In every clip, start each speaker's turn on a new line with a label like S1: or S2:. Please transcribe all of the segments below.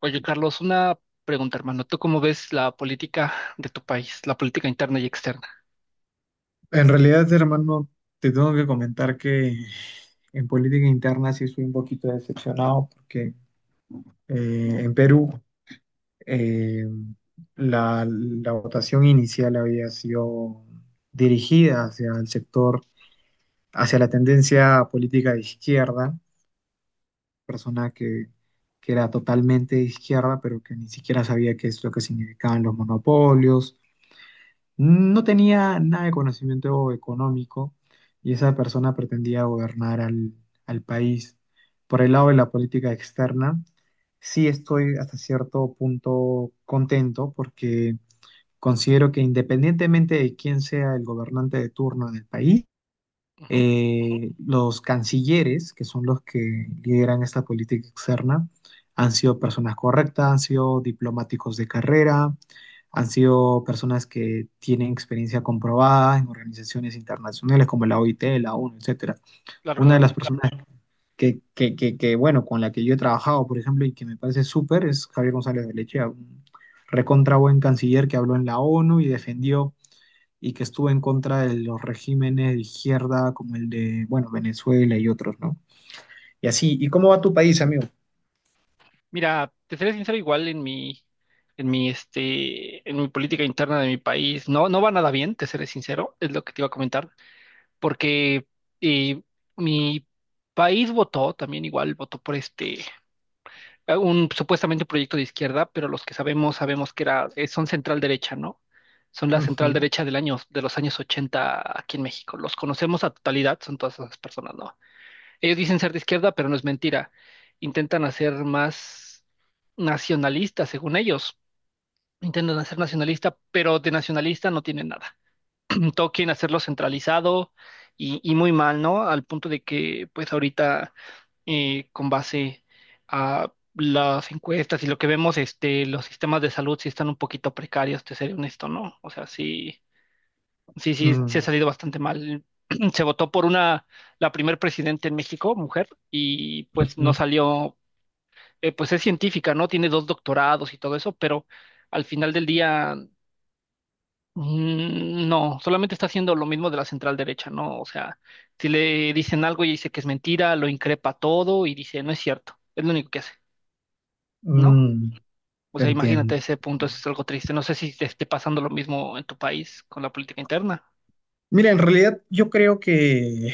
S1: Oye, Carlos, una pregunta, hermano. ¿Tú cómo ves la política de tu país, la política interna y externa?
S2: En realidad, hermano, te tengo que comentar que en política interna sí estoy un poquito decepcionado porque en Perú eh, la votación inicial había sido dirigida hacia el sector, hacia la tendencia política de izquierda, persona que era totalmente de izquierda, pero que ni siquiera sabía qué es lo que significaban los monopolios. No tenía nada de conocimiento económico y esa persona pretendía gobernar al país. Por el lado de la política externa, sí estoy hasta cierto punto contento porque considero que independientemente de quién sea el gobernante de turno en el país,
S1: Ujú.
S2: los cancilleres, que son los que lideran esta política externa, han sido personas correctas, han sido diplomáticos de carrera, han sido personas que tienen experiencia comprobada en organizaciones internacionales como la OIT, la ONU, etcétera.
S1: Claro,
S2: Una de las
S1: claro.
S2: personas bueno, con la que yo he trabajado, por ejemplo, y que me parece súper es Javier González de Leche, un recontra buen canciller que habló en la ONU y defendió y que estuvo en contra de los regímenes de izquierda como el de, bueno, Venezuela y otros, ¿no? Y así, ¿y cómo va tu país, amigo?
S1: Mira, te seré sincero, igual en mi política interna de mi país, no, no va nada bien, te seré sincero, es lo que te iba a comentar, porque eh, mi país votó, también igual votó por un supuestamente un proyecto de izquierda, pero los que sabemos, sabemos que son central derecha, ¿no? Son la central
S2: Ujú.
S1: derecha del año, de los años 80 aquí en México. Los conocemos a totalidad, son todas esas personas, ¿no? Ellos dicen ser de izquierda, pero no es mentira. Intentan hacer más nacionalistas, según ellos. Intentan hacer nacionalista, pero de nacionalista no tienen nada. Todo quieren hacerlo centralizado y muy mal, ¿no? Al punto de que, pues ahorita con base a las encuestas y lo que vemos, este, los sistemas de salud sí están un poquito precarios, te seré honesto, ¿no? O sea, sí, sí, sí, se ha
S2: Mm.
S1: salido bastante mal. Se votó por la primer presidenta en México, mujer, y pues
S2: Ujú.
S1: no salió, pues es científica, ¿no? Tiene 2 doctorados y todo eso, pero al final del día, no, solamente está haciendo lo mismo de la central derecha, ¿no? O sea, si le dicen algo y dice que es mentira, lo increpa todo y dice, no es cierto, es lo único que hace. ¿No?
S2: Mm.
S1: O
S2: Te
S1: sea, imagínate
S2: entiendo.
S1: ese punto, eso es algo triste. No sé si te esté pasando lo mismo en tu país con la política interna.
S2: Mira, en realidad yo creo que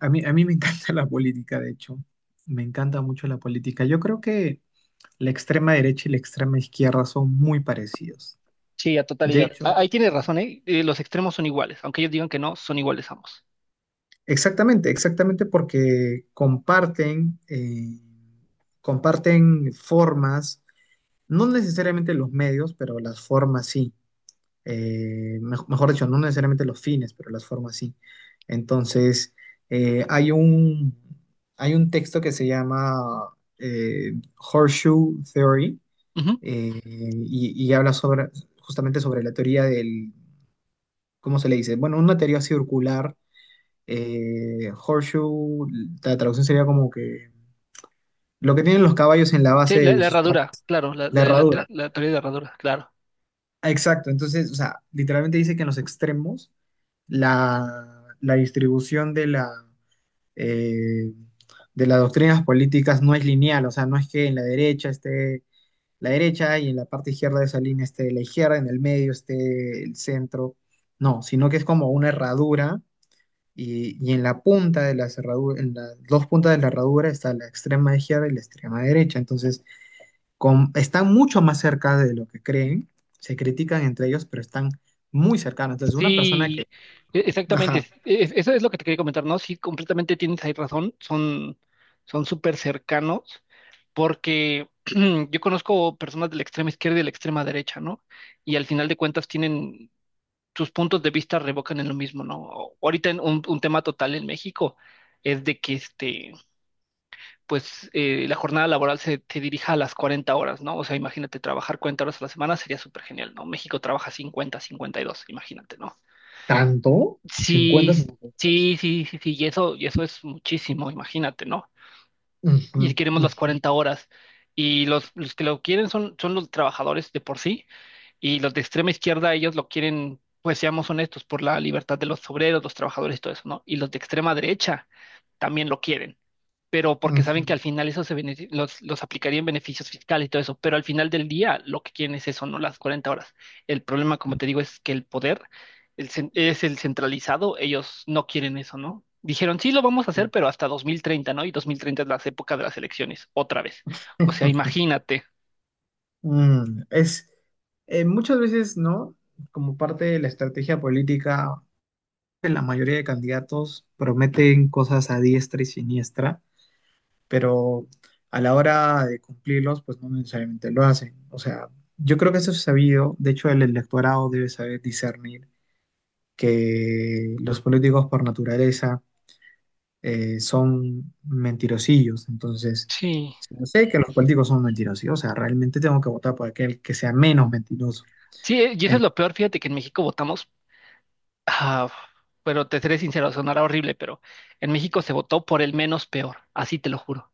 S2: a mí me encanta la política, de hecho, me encanta mucho la política. Yo creo que la extrema derecha y la extrema izquierda son muy parecidos.
S1: Sí, a
S2: De
S1: totalidad.
S2: hecho,
S1: Ahí tienes razón, ¿eh? Los extremos son iguales, aunque ellos digan que no, son iguales ambos.
S2: exactamente, exactamente porque comparten formas. No necesariamente los medios, pero las formas sí. Mejor dicho, no necesariamente los fines, pero las formas sí. Entonces, eh, hay un, hay un texto que se llama eh, Horseshoe Theory,
S1: Ujú.
S2: y habla sobre, justamente sobre la teoría del, ¿cómo se le dice? Bueno, una teoría circular. Horseshoe, la traducción sería como que lo que tienen los caballos en la
S1: Sí,
S2: base
S1: la,
S2: de
S1: la
S2: sus
S1: herradura,
S2: patas,
S1: claro, la,
S2: la
S1: la, la te-
S2: herradura.
S1: la teoría de herradura, claro.
S2: Ah, exacto, entonces, o sea, literalmente dice que en los extremos la distribución de la, eh, de las doctrinas políticas no es lineal, o sea, no es que en la derecha esté la derecha y en la parte izquierda de esa línea esté la izquierda, en el medio esté el centro, no, sino que es como una herradura y en la punta de la cerradura, en las dos puntas de la herradura está la extrema izquierda y la extrema derecha. Entonces, están mucho más cerca de lo que creen, se critican entre ellos, pero están muy cercanos. Entonces, una persona que,
S1: Sí, exactamente.
S2: ajá,
S1: Eso es lo que te quería comentar, ¿no? Sí, completamente tienes ahí razón. Son súper cercanos porque yo conozco personas de la extrema izquierda y de la extrema derecha, ¿no? Y al final de cuentas tienen tus puntos de vista revocan en lo mismo, ¿no? Ahorita en un tema total en México es de que este, pues la jornada laboral se, te dirija a las 40 horas, ¿no? O sea, imagínate trabajar 40 horas a la semana sería súper genial, ¿no? México trabaja 50, 52, imagínate, ¿no?
S2: tanto, cincuenta
S1: Sí,
S2: 50.
S1: sí, sí, sí, sí, y eso es muchísimo, imagínate, ¿no? Y si
S2: Ujú,
S1: queremos las
S2: ujú,
S1: 40 horas y los que lo quieren son los trabajadores de por sí. Y los de extrema izquierda, ellos lo quieren, pues seamos honestos, por la libertad de los obreros, los trabajadores y todo eso, ¿no? Y los de extrema derecha también lo quieren, pero porque saben que
S2: ujú,
S1: al final eso los aplicaría en beneficios fiscales y todo eso, pero al final del día lo que quieren es eso, no las 40 horas. El problema, como te digo, es que el poder es el centralizado, ellos no quieren eso, ¿no? Dijeron, sí, lo vamos a hacer,
S2: ujú.
S1: pero hasta 2030, ¿no? Y 2030 es la época de las elecciones, otra vez. O sea, imagínate.
S2: Mm, es muchas veces, ¿no? Como parte de la estrategia política, la mayoría de candidatos prometen cosas a diestra y siniestra, pero a la hora de cumplirlos, pues no necesariamente lo hacen. O sea, yo creo que eso es sabido. De hecho, el electorado debe saber discernir que los políticos por naturaleza son mentirosillos. Entonces,
S1: Sí,
S2: si yo sé que los políticos son mentirosillos, o sea, realmente tengo que votar por aquel que sea menos mentiroso.
S1: sí, y eso es
S2: En-
S1: lo peor, fíjate que en México votamos. Ah, pero te seré sincero, sonará horrible, pero en México se votó por el menos peor, así te lo juro.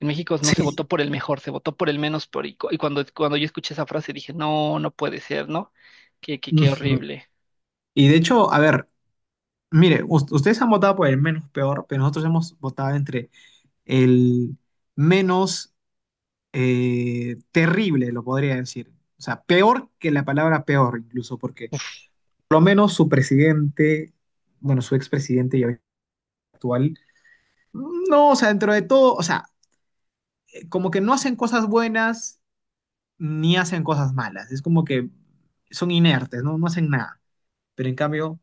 S1: En México no se
S2: sí.
S1: votó por el mejor, se votó por el menos peor. Cuando yo escuché esa frase dije, no, no puede ser, ¿no? Qué, qué, qué
S2: Ujú.
S1: horrible.
S2: Y de hecho, a ver, mire, ustedes han votado por el menos peor, pero nosotros hemos votado entre el menos terrible, lo podría decir. O sea, peor que la palabra peor, incluso, porque por lo menos su presidente, bueno, su expresidente y actual, no, o sea, dentro de todo, o sea, como que no hacen cosas buenas ni hacen cosas malas. Es como que son inertes, ¿no? No hacen nada. Pero en cambio,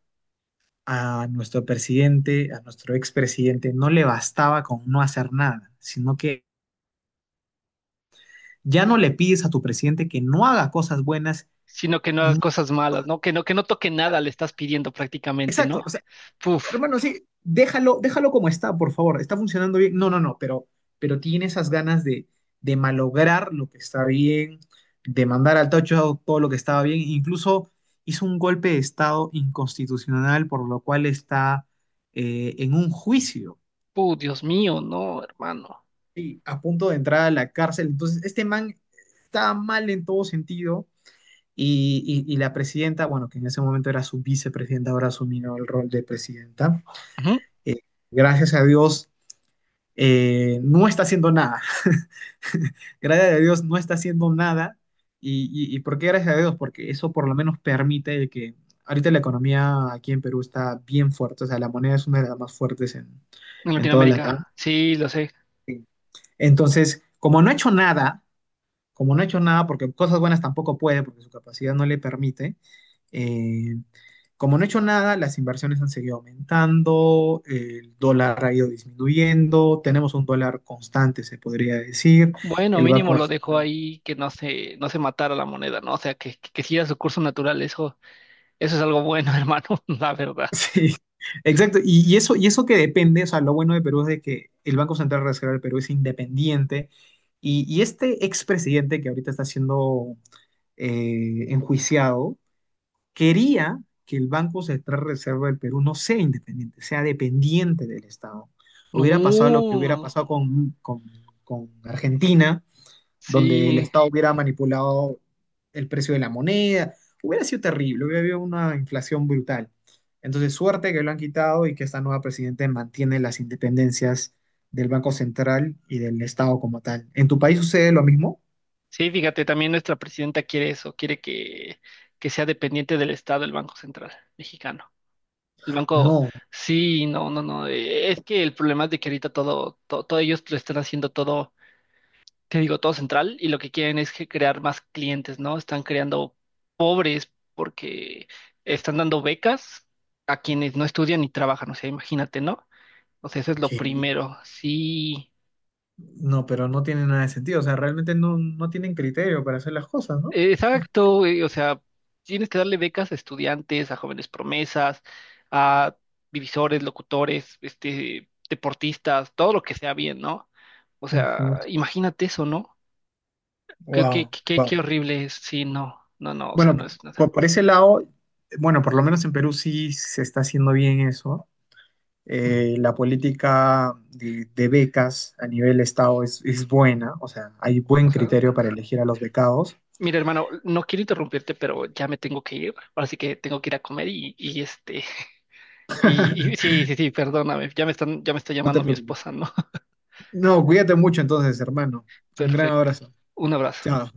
S2: a nuestro presidente, a nuestro expresidente, no le bastaba con no hacer nada, sino que ya no le pides a tu presidente que no haga cosas buenas.
S1: Sino que no haga
S2: ni-
S1: cosas malas, ¿no? Que no, que no toque nada, le estás pidiendo prácticamente,
S2: Exacto,
S1: ¿no?
S2: o sea,
S1: Puf,
S2: hermano, sí, déjalo, déjalo como está, por favor, está funcionando bien. No, no, no, pero tiene esas ganas de malograr lo que está bien, de mandar al tocho todo lo que estaba bien, incluso hizo un golpe de estado inconstitucional, por lo cual está en un juicio
S1: puf, Dios mío, no, hermano.
S2: y a punto de entrar a la cárcel. Entonces, este man está mal en todo sentido. Y la presidenta, bueno, que en ese momento era su vicepresidenta, ahora asumió el rol de presidenta.
S1: Ujú.
S2: eh, Gracias a Dios, no está haciendo nada. Gracias a Dios no está haciendo nada. Y, y por qué gracias a Dios? Porque eso por lo menos permite el que ahorita la economía aquí en Perú está bien fuerte, o sea, la moneda es una de las más fuertes
S1: En
S2: en toda la TAM.
S1: Latinoamérica, sí, lo sé.
S2: Entonces, como no ha hecho nada, como no ha hecho nada, porque cosas buenas tampoco puede, porque su capacidad no le permite, eh, como no ha hecho nada, las inversiones han seguido aumentando, el dólar ha ido disminuyendo, tenemos un dólar constante, se podría decir,
S1: Bueno,
S2: el
S1: mínimo
S2: Banco
S1: lo dejó
S2: Central-
S1: ahí que no se, no se matara la moneda, ¿no? O sea, que siguiera su curso natural, eso. Eso es algo bueno, hermano, la verdad.
S2: Sí, exacto, y eso que depende, o sea, lo bueno de Perú es de que el Banco Central Reserva del Perú es independiente, y este expresidente que ahorita está siendo enjuiciado, quería que el Banco Central Reserva del Perú no sea independiente, sea dependiente del Estado. Hubiera pasado lo que hubiera
S1: No,
S2: pasado con, con Argentina, donde el
S1: sí,
S2: Estado hubiera manipulado el precio de la moneda. Hubiera sido terrible, hubiera habido una inflación brutal. Entonces, suerte que lo han quitado y que esta nueva presidenta mantiene las independencias del Banco Central y del Estado como tal. ¿En tu país sucede lo mismo?
S1: sí, fíjate, también nuestra presidenta quiere eso, quiere que sea dependiente del Estado el Banco Central mexicano. El banco,
S2: No,
S1: sí, no, no, no, es que el problema es de que ahorita todo, todo, todo ellos lo están haciendo todo, te digo, todo central y lo que quieren es que crear más clientes, ¿no? Están creando pobres porque están dando becas a quienes no estudian ni trabajan, o sea, imagínate, ¿no? O sea, eso es lo
S2: que
S1: primero. Sí,
S2: No, pero no tiene nada de sentido. O sea, realmente no, no tienen criterio para hacer las cosas, ¿no?
S1: Exacto, güey, o sea, tienes que darle becas a estudiantes, a jóvenes promesas, a divisores, locutores, este, deportistas, todo lo que sea bien, ¿no? O sea, imagínate eso, ¿no? Qué, qué,
S2: Wow,
S1: qué,
S2: wow.
S1: qué horrible es. Sí, no, no, no, o sea,
S2: Bueno,
S1: no es
S2: por,
S1: nada.
S2: por ese lado, bueno, por lo menos en Perú sí se está haciendo bien eso. La política de becas a nivel Estado es buena, o sea, hay
S1: O
S2: buen
S1: sea,
S2: criterio para elegir a los becados.
S1: mira, hermano, no quiero interrumpirte, pero ya me tengo que ir, así que tengo que ir a comer y sí, sí, sí, perdóname, ya me está
S2: No te
S1: llamando mi
S2: preocupes.
S1: esposa, ¿no?
S2: No, cuídate mucho entonces, hermano. Un gran
S1: Perfecto.
S2: abrazo.
S1: Un abrazo.
S2: Chao.